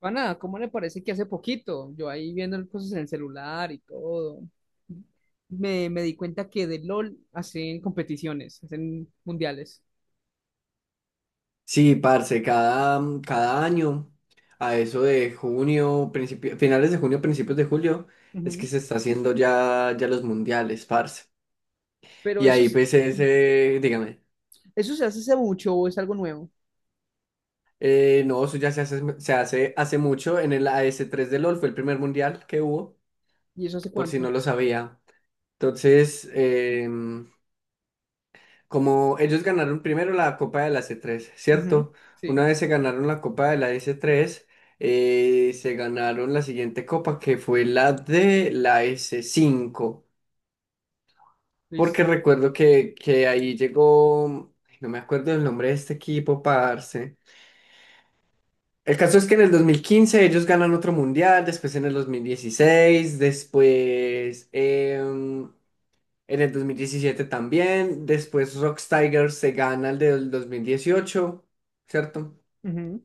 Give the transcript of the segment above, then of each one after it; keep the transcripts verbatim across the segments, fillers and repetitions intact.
Pana, ¿cómo le parece que hace poquito, yo ahí viendo cosas en el celular y todo, me, me di cuenta que de LOL hacen competiciones, hacen mundiales? Sí, parce, cada, mm, cada año, a eso de junio, principio, finales de junio, principios de julio, es que Ujú. se está haciendo ya, ya los mundiales, parce. Pero Y eso, ahí es- pues ese, dígame, eso se hace hace mucho o es algo nuevo. eh, no, eso ya se hace, se hace hace mucho, en el A S tres de LOL fue el primer mundial que hubo, ¿Y eso hace por si cuánto? no lo sabía. Entonces, em, como ellos ganaron primero la Copa de la c tres, Ujú. ¿cierto? Sí, Una vez se ganaron la Copa de la s tres, eh, se ganaron la siguiente copa que fue la de la s cinco, porque listo. recuerdo que, que ahí llegó, ay, no me acuerdo el nombre de este equipo, parce. El caso es que en el dos mil quince ellos ganan otro mundial, después en el dos mil dieciséis, después... em, En el dos mil diecisiete también. Después Rocks Tigers se gana el del dos mil dieciocho, ¿cierto? Ujú.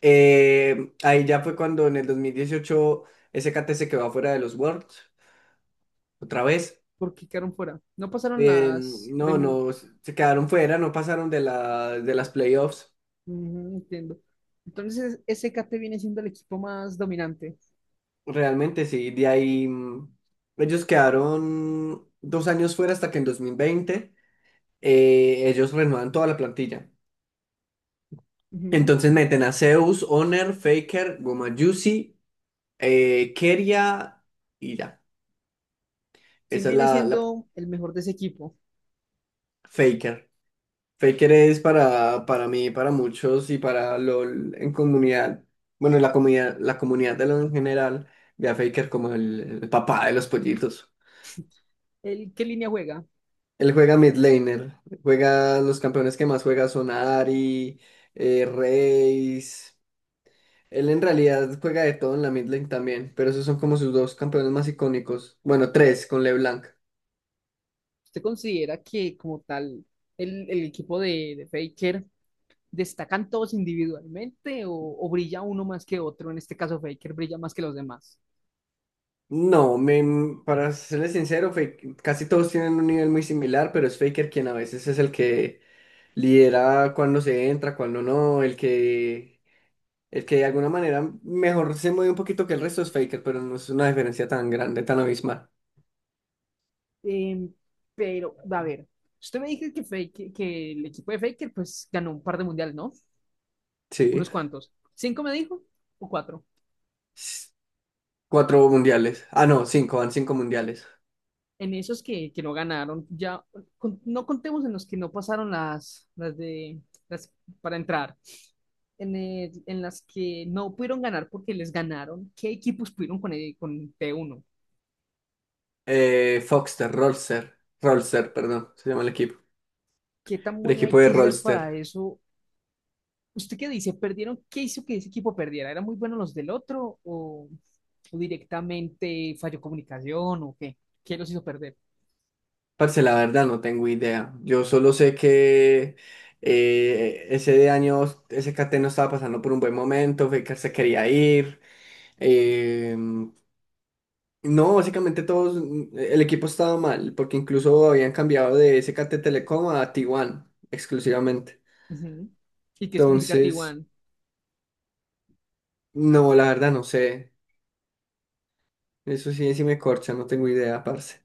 Eh, ahí ya fue cuando en el dos mil dieciocho S K T se quedó fuera de los Worlds, otra vez. ¿Por qué quedaron fuera? No pasaron Eh, las No, premi- no, se quedaron fuera, no pasaron de, la, de las playoffs. Ujú, entiendo. Entonces, S K T viene siendo el equipo más dominante. Realmente sí, de ahí mm, ellos quedaron dos años fuera hasta que en dos mil veinte eh, ellos renuevan toda la plantilla. Ujú. Entonces meten a Zeus, Honor, Faker, Goma Juicy, Eh, Keria y ya. ¿Quién Esa es viene la, la siendo el mejor de ese equipo? Faker. Faker es para, para mí, para muchos y para LOL en comunidad. Bueno, la comunidad, la comunidad de LOL en general ve a Faker como el, el papá de los pollitos. ¿El, qué línea juega? Él juega mid laner. Juega, los campeones que más juega son Ari, eh, Raze. Él en realidad juega de todo en la mid lane también, pero esos son como sus dos campeones más icónicos. Bueno, tres con LeBlanc. ¿Usted considera que como tal el, el equipo de, de Faker destacan todos individualmente o, o brilla uno más que otro? En este caso Faker brilla más que los demás. No, me- para serles sincero, Fak- casi todos tienen un nivel muy similar, pero es Faker quien a veces es el que lidera cuando se entra, cuando no, el que, el que, de alguna manera mejor se mueve un poquito que el resto es Faker, pero no es una diferencia tan grande, tan abismal. Em, pero, a ver, usted me dijo que, Faker- que el equipo de Faker pues ganó un par de mundiales, ¿no? Sí. Unos cuantos. ¿Cinco me dijo? ¿O cuatro? S- Cuatro mundiales. Ah, no, cinco, van cinco mundiales. En esos que, que no ganaron, ya con- no contemos en los que no pasaron las, las de las para entrar, en, el- en las que no pudieron ganar porque les ganaron, ¿qué equipos pudieron con, el- con T uno? Eh, Foxter, Rolster, Rolster, perdón, se llama el equipo. ¿Qué tan El bueno hay equipo de que ser para Rolster. eso? ¿Usted qué dice? ¿Perdieron? ¿Qué hizo que ese equipo perdiera? ¿Eran muy buenos los del otro o, o directamente falló comunicación o qué? ¿Qué los hizo perder? Parce, la verdad no tengo idea. Yo solo sé que eh, ese de año S K T no estaba pasando por un buen momento, fue que se quería ir. Eh, no, básicamente todos, mm, el equipo estaba mal, porque incluso habían cambiado de S K T Telecom a T uno exclusivamente. Ujú. ¿Y qué significa Entonces, T uno? no, la verdad no sé. Eso sí, sí me corcha, no tengo idea, parce.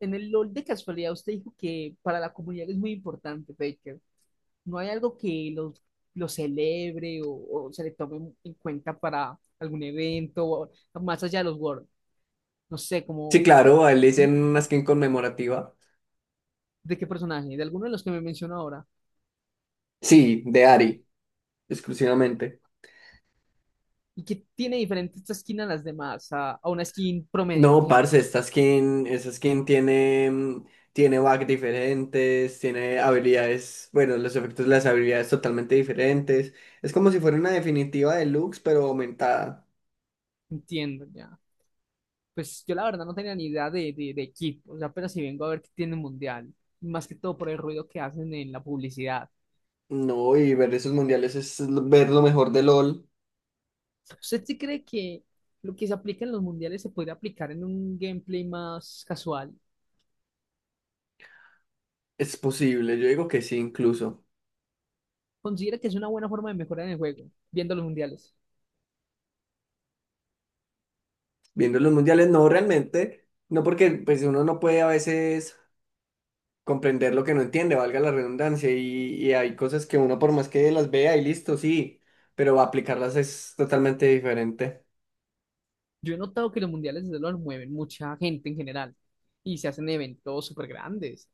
En el LOL de casualidad usted dijo que para la comunidad es muy importante, Faker. ¿No hay algo que lo, lo celebre o, o se le tome en cuenta para algún evento o más allá de los Worlds? No sé, Sí, como claro, a él le ¿mm? hicieron una skin conmemorativa. ¿De qué personaje? ¿De alguno de los que me mencionó ahora? Sí, de Ari, exclusivamente. ¿Y que tiene diferente esta skin a las demás, a, a una skin promedio, por No, ejemplo? parce, esta skin, esa skin tiene, mm, tiene bugs diferentes, tiene habilidades, bueno, los efectos de las habilidades totalmente diferentes. Es como si fuera una definitiva de Lux, pero aumentada. Entiendo, ya. Pues yo la verdad no tenía ni idea de, de, de equipo, o sea, apenas si vengo a ver que tiene el mundial, más que todo por el ruido que hacen en la publicidad. No, y ver esos mundiales es l- ver lo mejor de LOL. ¿Usted sí cree que lo que se aplica en los mundiales se podría aplicar en un gameplay más casual? Es posible, yo digo que sí, incluso. ¿Considera que es una buena forma de mejorar en el juego, viendo los mundiales? Viendo los mundiales, no realmente, no porque pues uno no puede a veces comprender lo que no entiende, valga la redundancia, y, y hay cosas que uno por más que las vea y listo, sí, pero aplicarlas es totalmente diferente. Yo he notado que los mundiales desde luego mueven mucha gente en general y se hacen eventos súper grandes.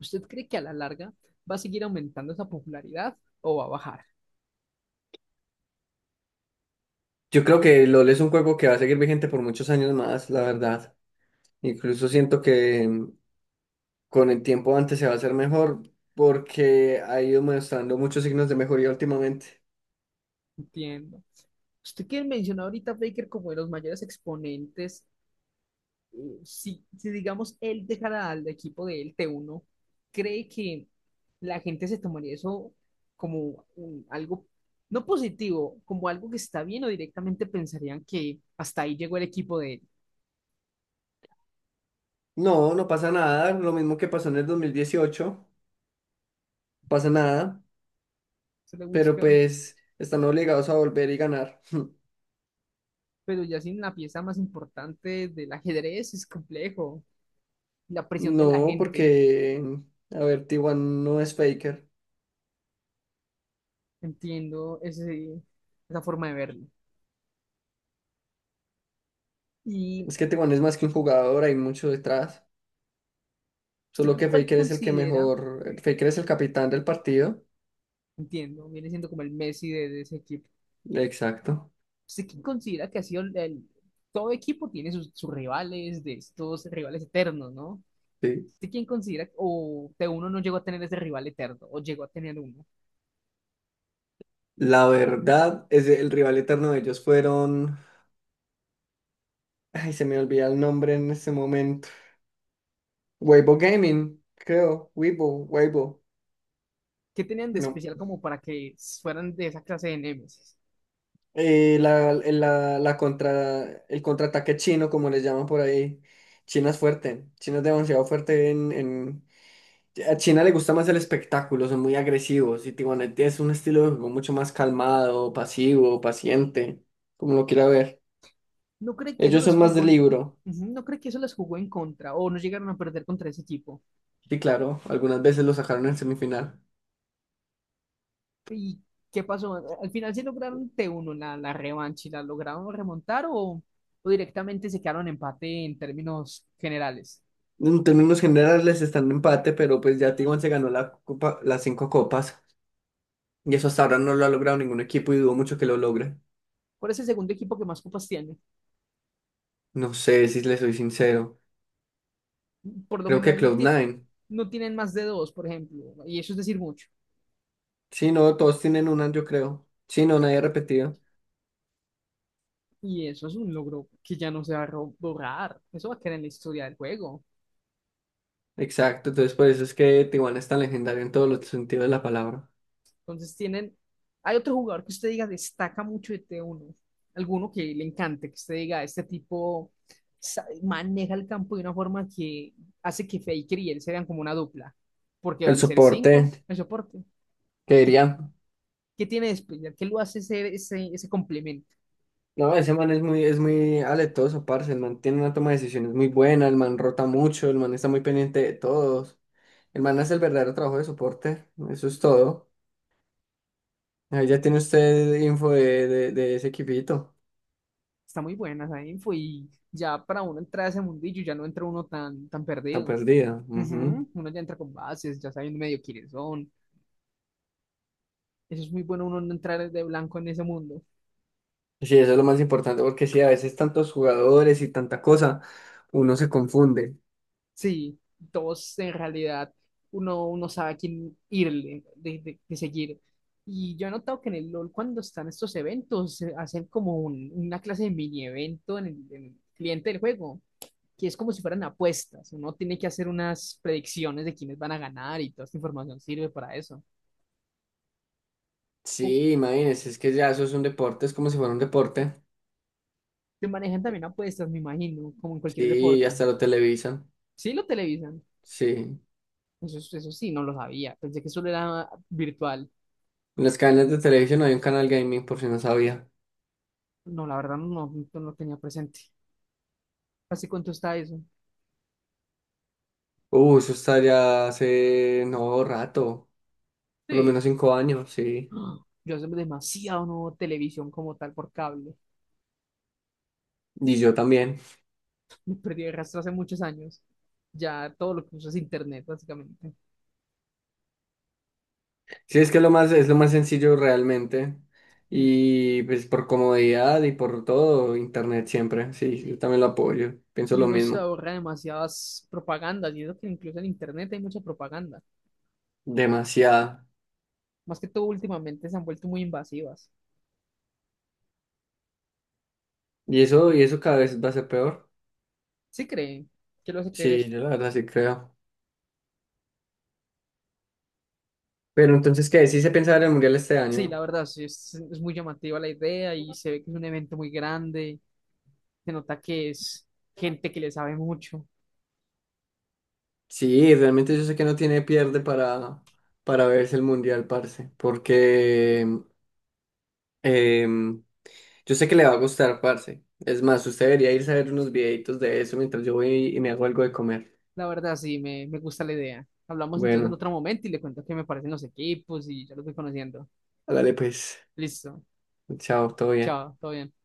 ¿Usted cree que a la larga va a seguir aumentando esa popularidad o va a bajar? Yo creo que LOL es un juego que va a seguir vigente por muchos años más, la verdad. Incluso siento que mm, con el tiempo antes se va a hacer mejor porque ha ido mostrando muchos signos de mejoría últimamente. Entiendo. Usted que mencionó ahorita a Baker como de los mayores exponentes, si, si digamos él dejara al equipo de él T uno, ¿cree que la gente se tomaría eso como un- algo no positivo, como algo que está bien o directamente pensarían que hasta ahí llegó el equipo de él? No, no pasa nada, lo mismo que pasó en el dos mil dieciocho pasa nada, Se le pero busca, pues están obligados a volver y ganar. pero ya sin la pieza más importante del ajedrez es complejo. La presión de la No, gente, porque, a ver, T uno no es Faker. entiendo ese, esa forma de verlo. ¿Y Es que T uno es más que un jugador, hay mucho detrás. usted Solo qué- que cuál Faker es el que considera? mejor, el Faker es el capitán del partido. Entiendo, viene siendo como el Messi de, de ese equipo. Exacto, ¿Usted quién considera que ha sido el, el- todo equipo tiene sus, sus rivales, de estos rivales eternos, ¿no? sí. ¿Usted quién considera o que uno no llegó a tener ese rival eterno o llegó a tener uno? La verdad es el rival eterno de ellos fueron... Ay, se me olvida el nombre en este momento. Weibo Gaming, creo. Weibo, Weibo. ¿Qué tenían de No. especial como para que fueran de esa clase de némesis? Eh, la, la, la contra, el contraataque chino, como les llaman por ahí. China es fuerte. China es demasiado fuerte en, en, A China le gusta más el espectáculo, son muy agresivos y Tijuana es un estilo de juego mucho más calmado, pasivo, paciente, como lo quiera ver. ¿No cree que eso Ellos los son más de jugó en, libro ujú, no cree que eso les jugó en contra o no llegaron a perder contra ese equipo? y claro, algunas veces lo sacaron en semifinal. ¿Y qué pasó? ¿Al final sí lograron T uno la, la revancha y la lograron remontar o, o directamente se quedaron en empate en términos generales? En términos generales están en empate, pero pues ya Tijuana se ganó la copa, las cinco copas y eso hasta ahora no lo ha logrado ningún equipo y dudo mucho que lo logre. ¿Cuál es el segundo equipo que más copas tiene? No sé si le soy sincero. Por lo Creo que general no, Cloud tiene, Nine. no tienen más de dos, por ejemplo, y eso es decir mucho. Sí, no, todos tienen una, yo creo. Sí, no, nadie repetido. Y eso es un logro que ya no se va a ro- borrar. Eso va a quedar en la historia del juego. Exacto, entonces por eso es que Tijuana es tan legendario en todos los sentidos de la palabra. Entonces tienen... ¿Hay otro jugador que usted diga destaca mucho de t uno? ¿Alguno que le encante, que usted diga, este tipo sa- maneja el campo de una forma que hace que Faker y él sean como una dupla? Porque El al ser soporte, cinco, el soporte. que ¿Qué, diría, qué tiene de especial? ¿Qué lo hace ser ese, ese complemento? no, ese man es muy, es muy aletoso, parce, el man tiene una toma de decisiones muy buena, el man rota mucho, el man está muy pendiente de todos, el man hace el verdadero trabajo de soporte, eso es todo. Ahí ya tiene usted info de, de, de ese equipito, Está muy buena esa info y ya para uno entrar a ese mundillo ya no entra uno tan, tan está perdido. perdida. Ujú. Ujú, uno ya entra con bases, ya sabiendo medio quiénes son. Eso es muy bueno, uno no entrar de blanco en ese mundo. Sí, eso es lo más importante, porque sí, a veces tantos jugadores y tanta cosa, uno se confunde. Sí, todos en realidad uno, uno sabe a quién irle, de, de- de seguir. Y yo he notado que en el LOL cuando están estos eventos se hacen como un- una clase de mini evento en el, en el cliente del juego, que es como si fueran apuestas. Uno tiene que hacer unas predicciones de quiénes van a ganar y toda esta información sirve para eso. Uh, Sí, imagínense, es que ya eso es un deporte, es como si fuera un deporte. te manejan también apuestas, me imagino, como en cualquier Sí, y deporte. hasta lo televisan. Sí, lo televisan. Sí. Eso, eso sí, no lo sabía. Pensé que solo era virtual. En las cadenas de televisión hay un canal gaming, por si no sabía. No, la verdad no, no lo tenía presente. ¿Hace cuánto está eso? Uh, eso está ya hace no rato, por lo menos Sí. cinco años, sí. ¡Ah! Yo hace demasiado no veo televisión como tal por cable. Y yo también. Me perdí el rastro hace muchos años. Ya todo lo que uso es internet, básicamente. Sí, es que lo más, es lo más sencillo realmente. Y Y pues por comodidad y por todo, internet siempre. Sí, yo también lo apoyo. Pienso y lo uno se mismo. ahorra demasiadas propagandas, y eso que incluso en internet hay mucha propaganda. Demasiado. Más que todo últimamente se han vuelto muy invasivas. Y eso, y eso cada vez va a ser peor. ¿Sí creen? ¿Qué lo hace creer Sí, eso? yo la verdad sí creo. Pero entonces, ¿qué? Sí se piensa ver el mundial este Sí, la año. verdad, sí, es, es muy llamativa la idea y se ve que es un evento muy grande, se nota que es gente que le sabe mucho. Sí, realmente yo sé que no tiene pierde para, para verse el mundial, parce. Porque em, em, yo sé que le va a gustar, parce. Es más, usted debería irse a ver unos videitos de eso mientras yo voy y me hago algo de comer. La verdad, sí, me, me gusta la idea. Hablamos entonces en Bueno, otro momento y le cuento qué me parecen los equipos y ya los voy conociendo. hágale pues. Listo, Chao, todo bien. chao, todo bien.